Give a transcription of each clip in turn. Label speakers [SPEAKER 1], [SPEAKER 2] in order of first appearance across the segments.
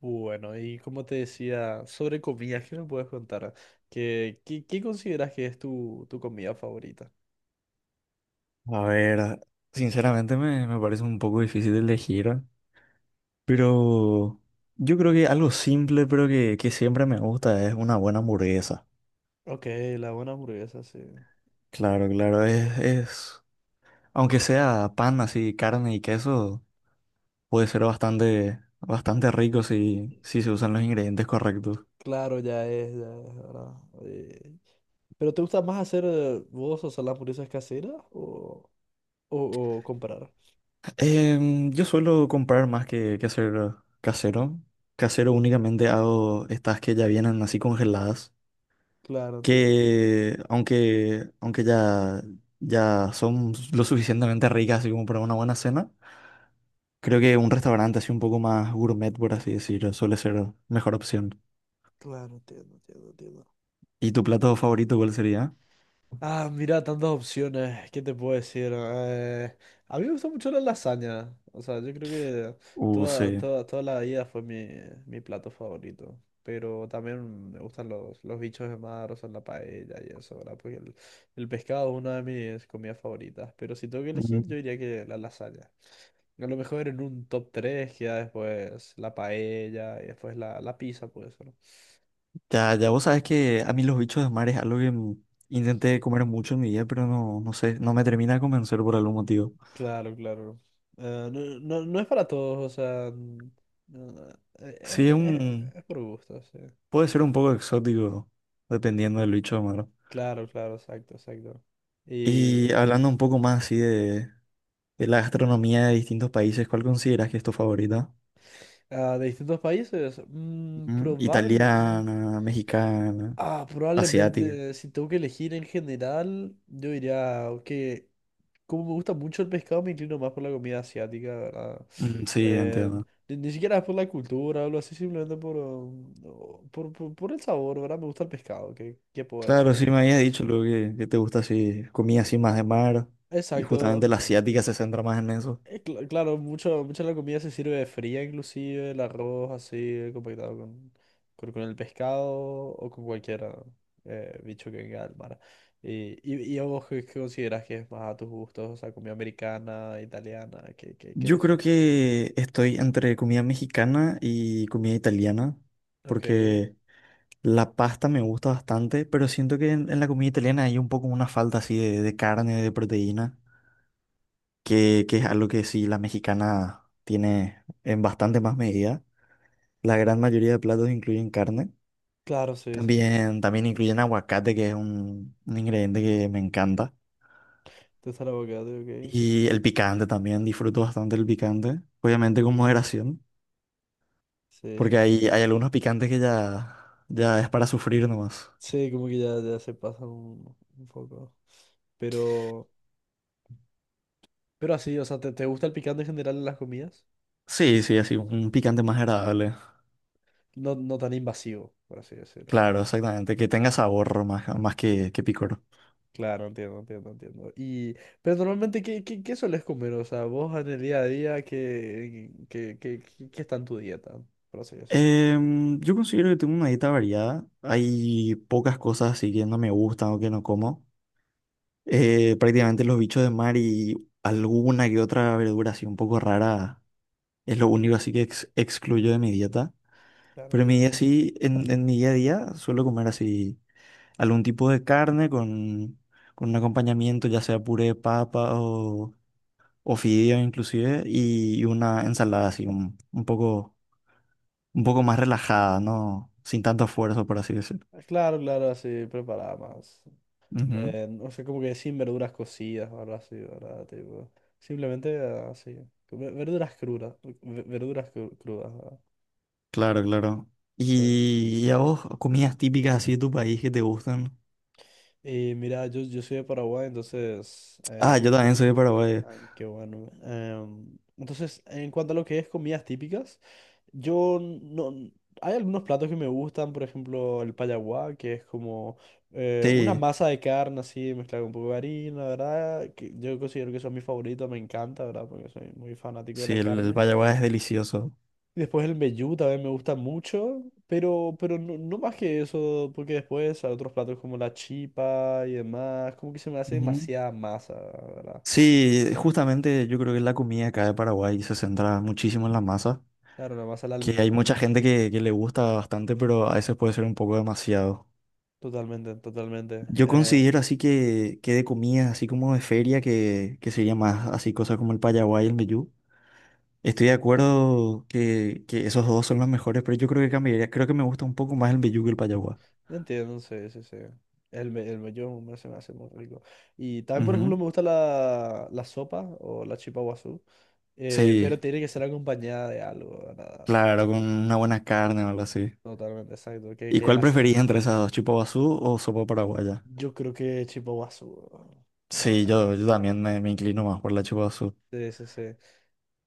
[SPEAKER 1] Bueno, y como te decía, sobre comidas, ¿qué me puedes contar? ¿Qué consideras que es tu comida favorita?
[SPEAKER 2] A ver, sinceramente me parece un poco difícil de elegir, pero yo creo que algo simple, pero que siempre me gusta, es una buena hamburguesa.
[SPEAKER 1] Ok, la buena hamburguesa, sí.
[SPEAKER 2] Claro, claro, aunque sea pan así, carne y queso, puede ser bastante rico si se usan los ingredientes correctos.
[SPEAKER 1] Claro, ya es, ¿verdad? Eh, ¿Pero te gusta más hacer vos, o sea, las hamburguesas caseras o, o comprar?
[SPEAKER 2] Yo suelo comprar más que hacer casero. Casero únicamente hago estas que ya vienen así congeladas.
[SPEAKER 1] Claro, entiendo, entiendo.
[SPEAKER 2] Que ya son lo suficientemente ricas así como para una buena cena, creo que un restaurante así un poco más gourmet, por así decirlo, suele ser mejor opción.
[SPEAKER 1] Claro, entiendo, entiendo, entiendo.
[SPEAKER 2] ¿Y tu plato favorito cuál sería?
[SPEAKER 1] Ah, mira, tantas opciones. ¿Qué te puedo decir? A mí me gusta mucho la lasaña. O sea, yo creo que
[SPEAKER 2] Sí.
[SPEAKER 1] toda la vida fue mi plato favorito. Pero también me gustan los bichos de mar, o sea, la paella y eso, ¿verdad? Porque el pescado es una de mis comidas favoritas. Pero si tengo que elegir,
[SPEAKER 2] Mm.
[SPEAKER 1] yo diría que la lasaña. A lo mejor en un top 3 queda después la paella y después la pizza, puede ser.
[SPEAKER 2] Ya, ya vos sabes que a mí los bichos de mar es algo que intenté comer mucho en mi vida, pero no, no sé, no me termina de convencer por algún motivo.
[SPEAKER 1] Claro, claro. No, no, no es para todos, o sea, no, no,
[SPEAKER 2] Sí, es un,
[SPEAKER 1] es por gusto, sí.
[SPEAKER 2] Puede ser un poco exótico, dependiendo del bicho de mar.
[SPEAKER 1] Claro, claro, exacto, exacto. Y
[SPEAKER 2] Y hablando un poco más así de la gastronomía de distintos países, ¿cuál consideras que es tu favorita?
[SPEAKER 1] de distintos países,
[SPEAKER 2] Ujú. Italiana, mexicana,
[SPEAKER 1] ah,
[SPEAKER 2] asiática.
[SPEAKER 1] probablemente, si tengo que elegir en general, yo diría que como me gusta mucho el pescado, me inclino más por la comida asiática, ¿verdad?
[SPEAKER 2] Mm, sí,
[SPEAKER 1] Eh,
[SPEAKER 2] entiendo.
[SPEAKER 1] ni siquiera es por la cultura o algo así, simplemente por, por el sabor, ¿verdad? Me gusta el pescado, ¿ qué puedo
[SPEAKER 2] Claro,
[SPEAKER 1] decir?
[SPEAKER 2] sí me habías dicho luego que te gusta así, comida así más de mar, y justamente
[SPEAKER 1] Exacto.
[SPEAKER 2] la asiática se centra más en eso.
[SPEAKER 1] Claro, mucha de la comida se sirve fría, inclusive el arroz así, compactado con, con el pescado o con cualquier bicho que venga del mar. Y a vos, ¿ qué considerás que es más a tus gustos? O sea, comida americana, italiana, ¿ qué
[SPEAKER 2] Yo creo
[SPEAKER 1] decís?
[SPEAKER 2] que estoy entre comida mexicana y comida italiana,
[SPEAKER 1] Ok.
[SPEAKER 2] porque la pasta me gusta bastante, pero siento que en la comida italiana hay un poco una falta así de carne, de proteína. Que es algo que sí la mexicana tiene en bastante más medida. La gran mayoría de platos incluyen carne.
[SPEAKER 1] Claro, sí, sí, sí.
[SPEAKER 2] También incluyen aguacate, que es un ingrediente que me encanta.
[SPEAKER 1] Te gusta el abogado, ok.
[SPEAKER 2] Y el picante también, disfruto bastante el picante. Obviamente con moderación,
[SPEAKER 1] Sí, sí,
[SPEAKER 2] porque hay,
[SPEAKER 1] sí.
[SPEAKER 2] hay algunos picantes que ya es para sufrir nomás.
[SPEAKER 1] Sí, como que ya, ya se pasa un poco. Pero, pero así, o sea, ¿ te gusta el picante en general en las comidas?
[SPEAKER 2] Sí, sí, así, un picante más agradable.
[SPEAKER 1] No, no tan invasivo, por así decirlo,
[SPEAKER 2] Claro,
[SPEAKER 1] ¿no?
[SPEAKER 2] exactamente, que tenga sabor más, más que picor.
[SPEAKER 1] Claro, entiendo, entiendo, entiendo. Y, pero normalmente, ¿ qué sueles comer? O sea, vos en el día a día, ¿ qué está en tu dieta? Por así decirlo.
[SPEAKER 2] Yo considero que tengo una dieta variada. Hay pocas cosas así que no me gustan o que no como. Prácticamente los bichos de mar y alguna que otra verdura así un poco rara es lo único así que excluyo de mi dieta.
[SPEAKER 1] Claro,
[SPEAKER 2] Pero en mi
[SPEAKER 1] entiendo.
[SPEAKER 2] día sí, en mi día a día suelo comer así algún tipo de carne con un acompañamiento, ya sea puré de papa o fideo inclusive, y una ensalada así un poco más relajada, ¿no? Sin tanto esfuerzo, por así decirlo.
[SPEAKER 1] Ah, claro, claro, así, preparada más.
[SPEAKER 2] Ujú.
[SPEAKER 1] O sea, como que sin verduras cocidas o algo así, ¿verdad? Tipo, simplemente así. Verduras crudas. Verduras crudas, ¿verdad?
[SPEAKER 2] Claro, claro.
[SPEAKER 1] Sí.
[SPEAKER 2] Y a vos comidas típicas así de tu país que te gustan?
[SPEAKER 1] Y mira, yo soy de Paraguay, entonces
[SPEAKER 2] Ah, yo también soy de Paraguay.
[SPEAKER 1] ay, qué bueno. Entonces, en cuanto a lo que es comidas típicas, yo no... Hay algunos platos que me gustan, por ejemplo, el payaguá, que es como una
[SPEAKER 2] Sí,
[SPEAKER 1] masa de carne así mezclada con un poco de harina, ¿verdad? Que yo considero que eso es mi favorito, me encanta, ¿verdad? Porque soy muy fanático de
[SPEAKER 2] sí,
[SPEAKER 1] la
[SPEAKER 2] el
[SPEAKER 1] carne.
[SPEAKER 2] payaguá es delicioso.
[SPEAKER 1] Y después el mbejú también me gusta mucho, pero no, no más que eso, porque después hay otros platos como la chipa y demás, como que se me hace
[SPEAKER 2] Ujú.
[SPEAKER 1] demasiada masa, ¿verdad?
[SPEAKER 2] Sí, justamente yo creo que la comida acá de Paraguay se centra muchísimo en la masa,
[SPEAKER 1] Claro, la masa al
[SPEAKER 2] que hay
[SPEAKER 1] almidón.
[SPEAKER 2] mucha gente que le gusta bastante, pero a veces puede ser un poco demasiado.
[SPEAKER 1] Totalmente, totalmente.
[SPEAKER 2] Yo considero así que de comidas, así como de feria, que sería más así cosas como el payaguá y el mbejú. Estoy de acuerdo que esos dos son los mejores, pero yo creo que cambiaría. Creo que me gusta un poco más el mbejú que el payaguá.
[SPEAKER 1] Entiendo, sí, sí, sí. El, el mello se me hace muy rico. Y también, por ejemplo,
[SPEAKER 2] Ujú.
[SPEAKER 1] me gusta la sopa o la chipa guazú,
[SPEAKER 2] Sí,
[SPEAKER 1] pero tiene que ser acompañada de algo, ¿verdad?
[SPEAKER 2] claro, con una buena carne o algo así.
[SPEAKER 1] Totalmente, exacto.
[SPEAKER 2] ¿Y
[SPEAKER 1] Que
[SPEAKER 2] cuál
[SPEAKER 1] la,
[SPEAKER 2] preferís entre esas dos, chupa guazú o sopa paraguaya?
[SPEAKER 1] yo creo que chipa guazú. Weón.
[SPEAKER 2] Sí,
[SPEAKER 1] Ah,
[SPEAKER 2] yo
[SPEAKER 1] sí,
[SPEAKER 2] también me inclino más por la chupa guazú.
[SPEAKER 1] sí, sí, sí.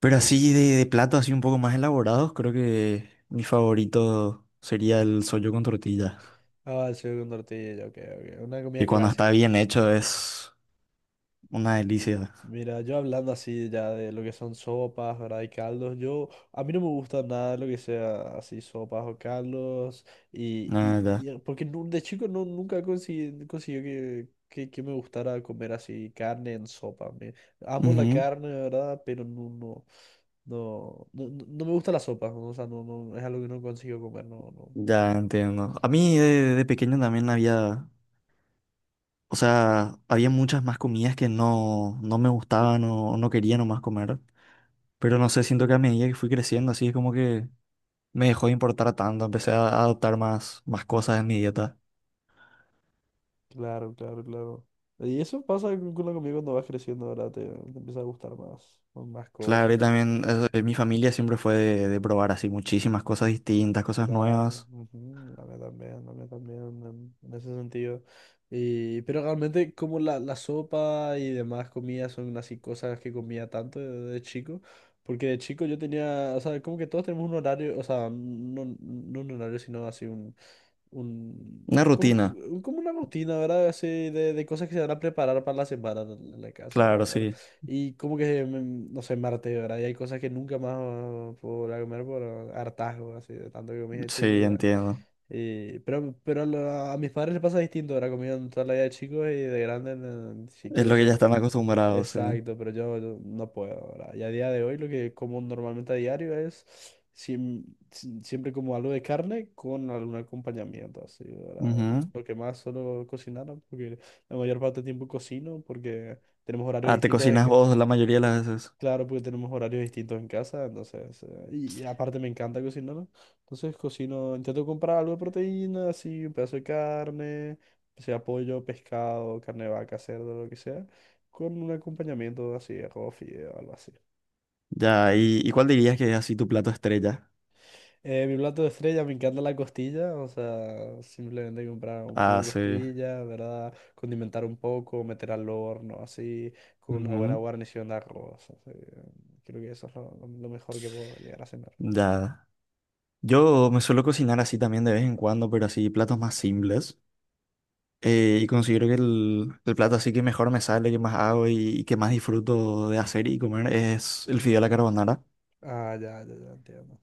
[SPEAKER 2] Pero
[SPEAKER 1] Porque,
[SPEAKER 2] así de platos así un poco más elaborados, creo que mi favorito sería el sollo con tortilla.
[SPEAKER 1] ah, el con tortilla, ok, ok. Una comida
[SPEAKER 2] Y cuando está
[SPEAKER 1] clásica.
[SPEAKER 2] bien hecho es una delicia.
[SPEAKER 1] Mira, yo hablando así ya de lo que son sopas, ¿verdad? Y caldos, yo, a mí no me gusta nada lo que sea así sopas o caldos,
[SPEAKER 2] La
[SPEAKER 1] porque de chico no, nunca conseguí, consiguió que me gustara comer así carne en sopa. Me, amo la
[SPEAKER 2] verdad.
[SPEAKER 1] carne, ¿verdad? Pero no, no, no, no, no me gusta la sopa, ¿no? O sea, no, no, es algo que no consigo comer, no, no.
[SPEAKER 2] Ya entiendo. A mí de pequeño también había, o sea, había muchas más comidas que no, no me gustaban o no quería nomás comer. Pero no sé, siento que a medida que fui creciendo, así es como que me dejó de importar tanto. Empecé a adoptar más, más cosas en mi dieta.
[SPEAKER 1] Claro, claro, claro. Y eso pasa con la comida cuando vas creciendo, ¿verdad? Te empieza a gustar más, más
[SPEAKER 2] Claro,
[SPEAKER 1] cosas,
[SPEAKER 2] y
[SPEAKER 1] esto, lo
[SPEAKER 2] también
[SPEAKER 1] otro.
[SPEAKER 2] mi familia siempre fue de probar así muchísimas cosas distintas, cosas
[SPEAKER 1] Claro,
[SPEAKER 2] nuevas.
[SPEAKER 1] ujú, la mía también en ese sentido. Y, pero realmente como la sopa y demás comidas son así cosas que comía tanto de chico, porque de chico yo tenía, o sea, como que todos tenemos un horario, o sea, no un horario, sino así un,
[SPEAKER 2] Una
[SPEAKER 1] como,
[SPEAKER 2] rutina.
[SPEAKER 1] como una rutina, ¿verdad? Así de cosas que se van a preparar para la semana en la casa,
[SPEAKER 2] Claro,
[SPEAKER 1] ¿verdad?
[SPEAKER 2] sí,
[SPEAKER 1] Y como que, no sé, martes, ¿verdad? Y hay cosas que nunca más puedo volver a comer por hartazgo, así, de tanto que comí de chico
[SPEAKER 2] sí,
[SPEAKER 1] ya.
[SPEAKER 2] entiendo.
[SPEAKER 1] Pero a a mis padres les pasa distinto, ahora comieron toda la vida de chicos y de grandes si
[SPEAKER 2] Es
[SPEAKER 1] quieren
[SPEAKER 2] lo que
[SPEAKER 1] seguir
[SPEAKER 2] ya están
[SPEAKER 1] comiendo.
[SPEAKER 2] acostumbrados, sí.
[SPEAKER 1] Exacto, pero yo no puedo ahora. Y a día de hoy lo que como normalmente a diario es siem- siempre como algo de carne con algún acompañamiento, así, ahora,
[SPEAKER 2] Ujú.
[SPEAKER 1] lo que más solo cocinar, ¿no? Porque la mayor parte del tiempo cocino porque tenemos horarios
[SPEAKER 2] Ah, ¿te
[SPEAKER 1] distintos en
[SPEAKER 2] cocinas
[SPEAKER 1] que
[SPEAKER 2] vos la mayoría de las veces?
[SPEAKER 1] claro, porque tenemos horarios distintos en casa, entonces, y aparte me encanta cocinar, entonces cocino, intento comprar algo de proteína, así, un pedazo de carne, sea pollo, pescado, carne de vaca, cerdo, lo que sea, con un acompañamiento así, arroz, fideo, algo así.
[SPEAKER 2] Ya, y cuál dirías que es así tu plato estrella?
[SPEAKER 1] Mi plato de estrella, me encanta la costilla, o sea, simplemente comprar un poco
[SPEAKER 2] Ah,
[SPEAKER 1] de
[SPEAKER 2] sí.
[SPEAKER 1] costilla, ¿verdad? Condimentar un poco, meter al horno, así, con una buena
[SPEAKER 2] Ujú.
[SPEAKER 1] guarnición de arroz, así, creo que eso es lo mejor que puedo llegar a cenar.
[SPEAKER 2] Ya. Yo me suelo cocinar así también de vez en cuando, pero así platos más simples. Y considero que el plato así que mejor me sale, que más hago y que más disfruto de hacer y comer es el fideo a la carbonara,
[SPEAKER 1] Ah, ya, ya, ya, entiendo.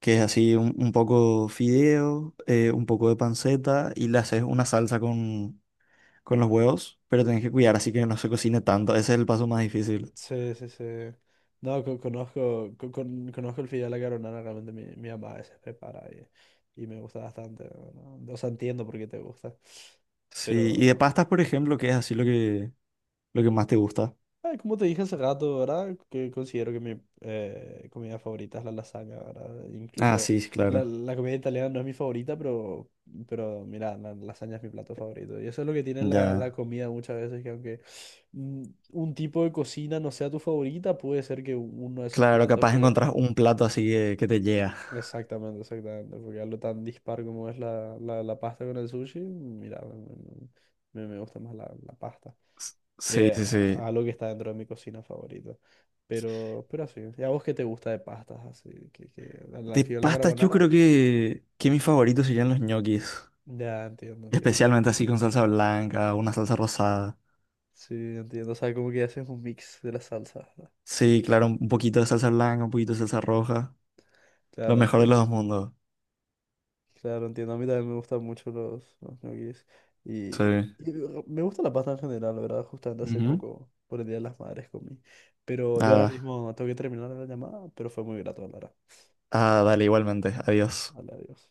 [SPEAKER 2] que es así un poco fideo, un poco de panceta y le haces una salsa con los huevos, pero tenés que cuidar así que no se cocine tanto. Ese es el paso más difícil.
[SPEAKER 1] Sí, sí, sí. No, conozco, conozco el fideo a la carbonara, realmente mi mamá a veces prepara y me gusta bastante, ¿no? O sea, entiendo por qué te gusta,
[SPEAKER 2] Sí, y de
[SPEAKER 1] pero
[SPEAKER 2] pastas, por ejemplo, que es así lo que lo que más te gusta.
[SPEAKER 1] ay, como te dije hace rato, ¿verdad? Que considero que mi comida favorita es la lasaña, ¿verdad?
[SPEAKER 2] Ah,
[SPEAKER 1] Incluso
[SPEAKER 2] sí, sí, claro.
[SPEAKER 1] la comida italiana no es mi favorita, pero mira, la lasaña es mi plato favorito. Y eso es lo que tiene la
[SPEAKER 2] Ya.
[SPEAKER 1] comida muchas veces, que aunque mm, un tipo de cocina no sea tu favorita, puede ser que uno de esos
[SPEAKER 2] Claro,
[SPEAKER 1] platos
[SPEAKER 2] capaz
[SPEAKER 1] que...
[SPEAKER 2] encontrás un plato así que te llega.
[SPEAKER 1] Exactamente, exactamente. Porque algo tan dispar como es la pasta con el sushi, mira, me gusta más la pasta
[SPEAKER 2] Sí,
[SPEAKER 1] que
[SPEAKER 2] sí, sí.
[SPEAKER 1] algo que está dentro de mi cocina favorita. Pero así. ¿Y a vos qué te gusta de pastas? Así, que al
[SPEAKER 2] De
[SPEAKER 1] fideo a la
[SPEAKER 2] pastas yo
[SPEAKER 1] carbonara.
[SPEAKER 2] creo que mis favoritos serían los ñoquis.
[SPEAKER 1] Ya, entiendo, entiendo.
[SPEAKER 2] Especialmente así con salsa blanca, una salsa rosada.
[SPEAKER 1] Sí, entiendo. O sea, como que haces un mix de las salsas, ¿no?
[SPEAKER 2] Sí, claro, un poquito de salsa blanca, un poquito de salsa roja. Lo
[SPEAKER 1] Claro,
[SPEAKER 2] mejor de los
[SPEAKER 1] entiendo.
[SPEAKER 2] dos mundos.
[SPEAKER 1] Claro, entiendo. A mí también me gustan mucho los ñoquis.
[SPEAKER 2] Sí.
[SPEAKER 1] Y, y me gusta la pasta en general, la verdad. Justamente hace
[SPEAKER 2] Ujú.
[SPEAKER 1] poco, por el Día de las Madres, comí. Pero yo ahora
[SPEAKER 2] Ah,
[SPEAKER 1] mismo tengo que terminar la llamada, pero fue muy grato hablar.
[SPEAKER 2] ah, dale, igualmente. Adiós.
[SPEAKER 1] Vale, adiós.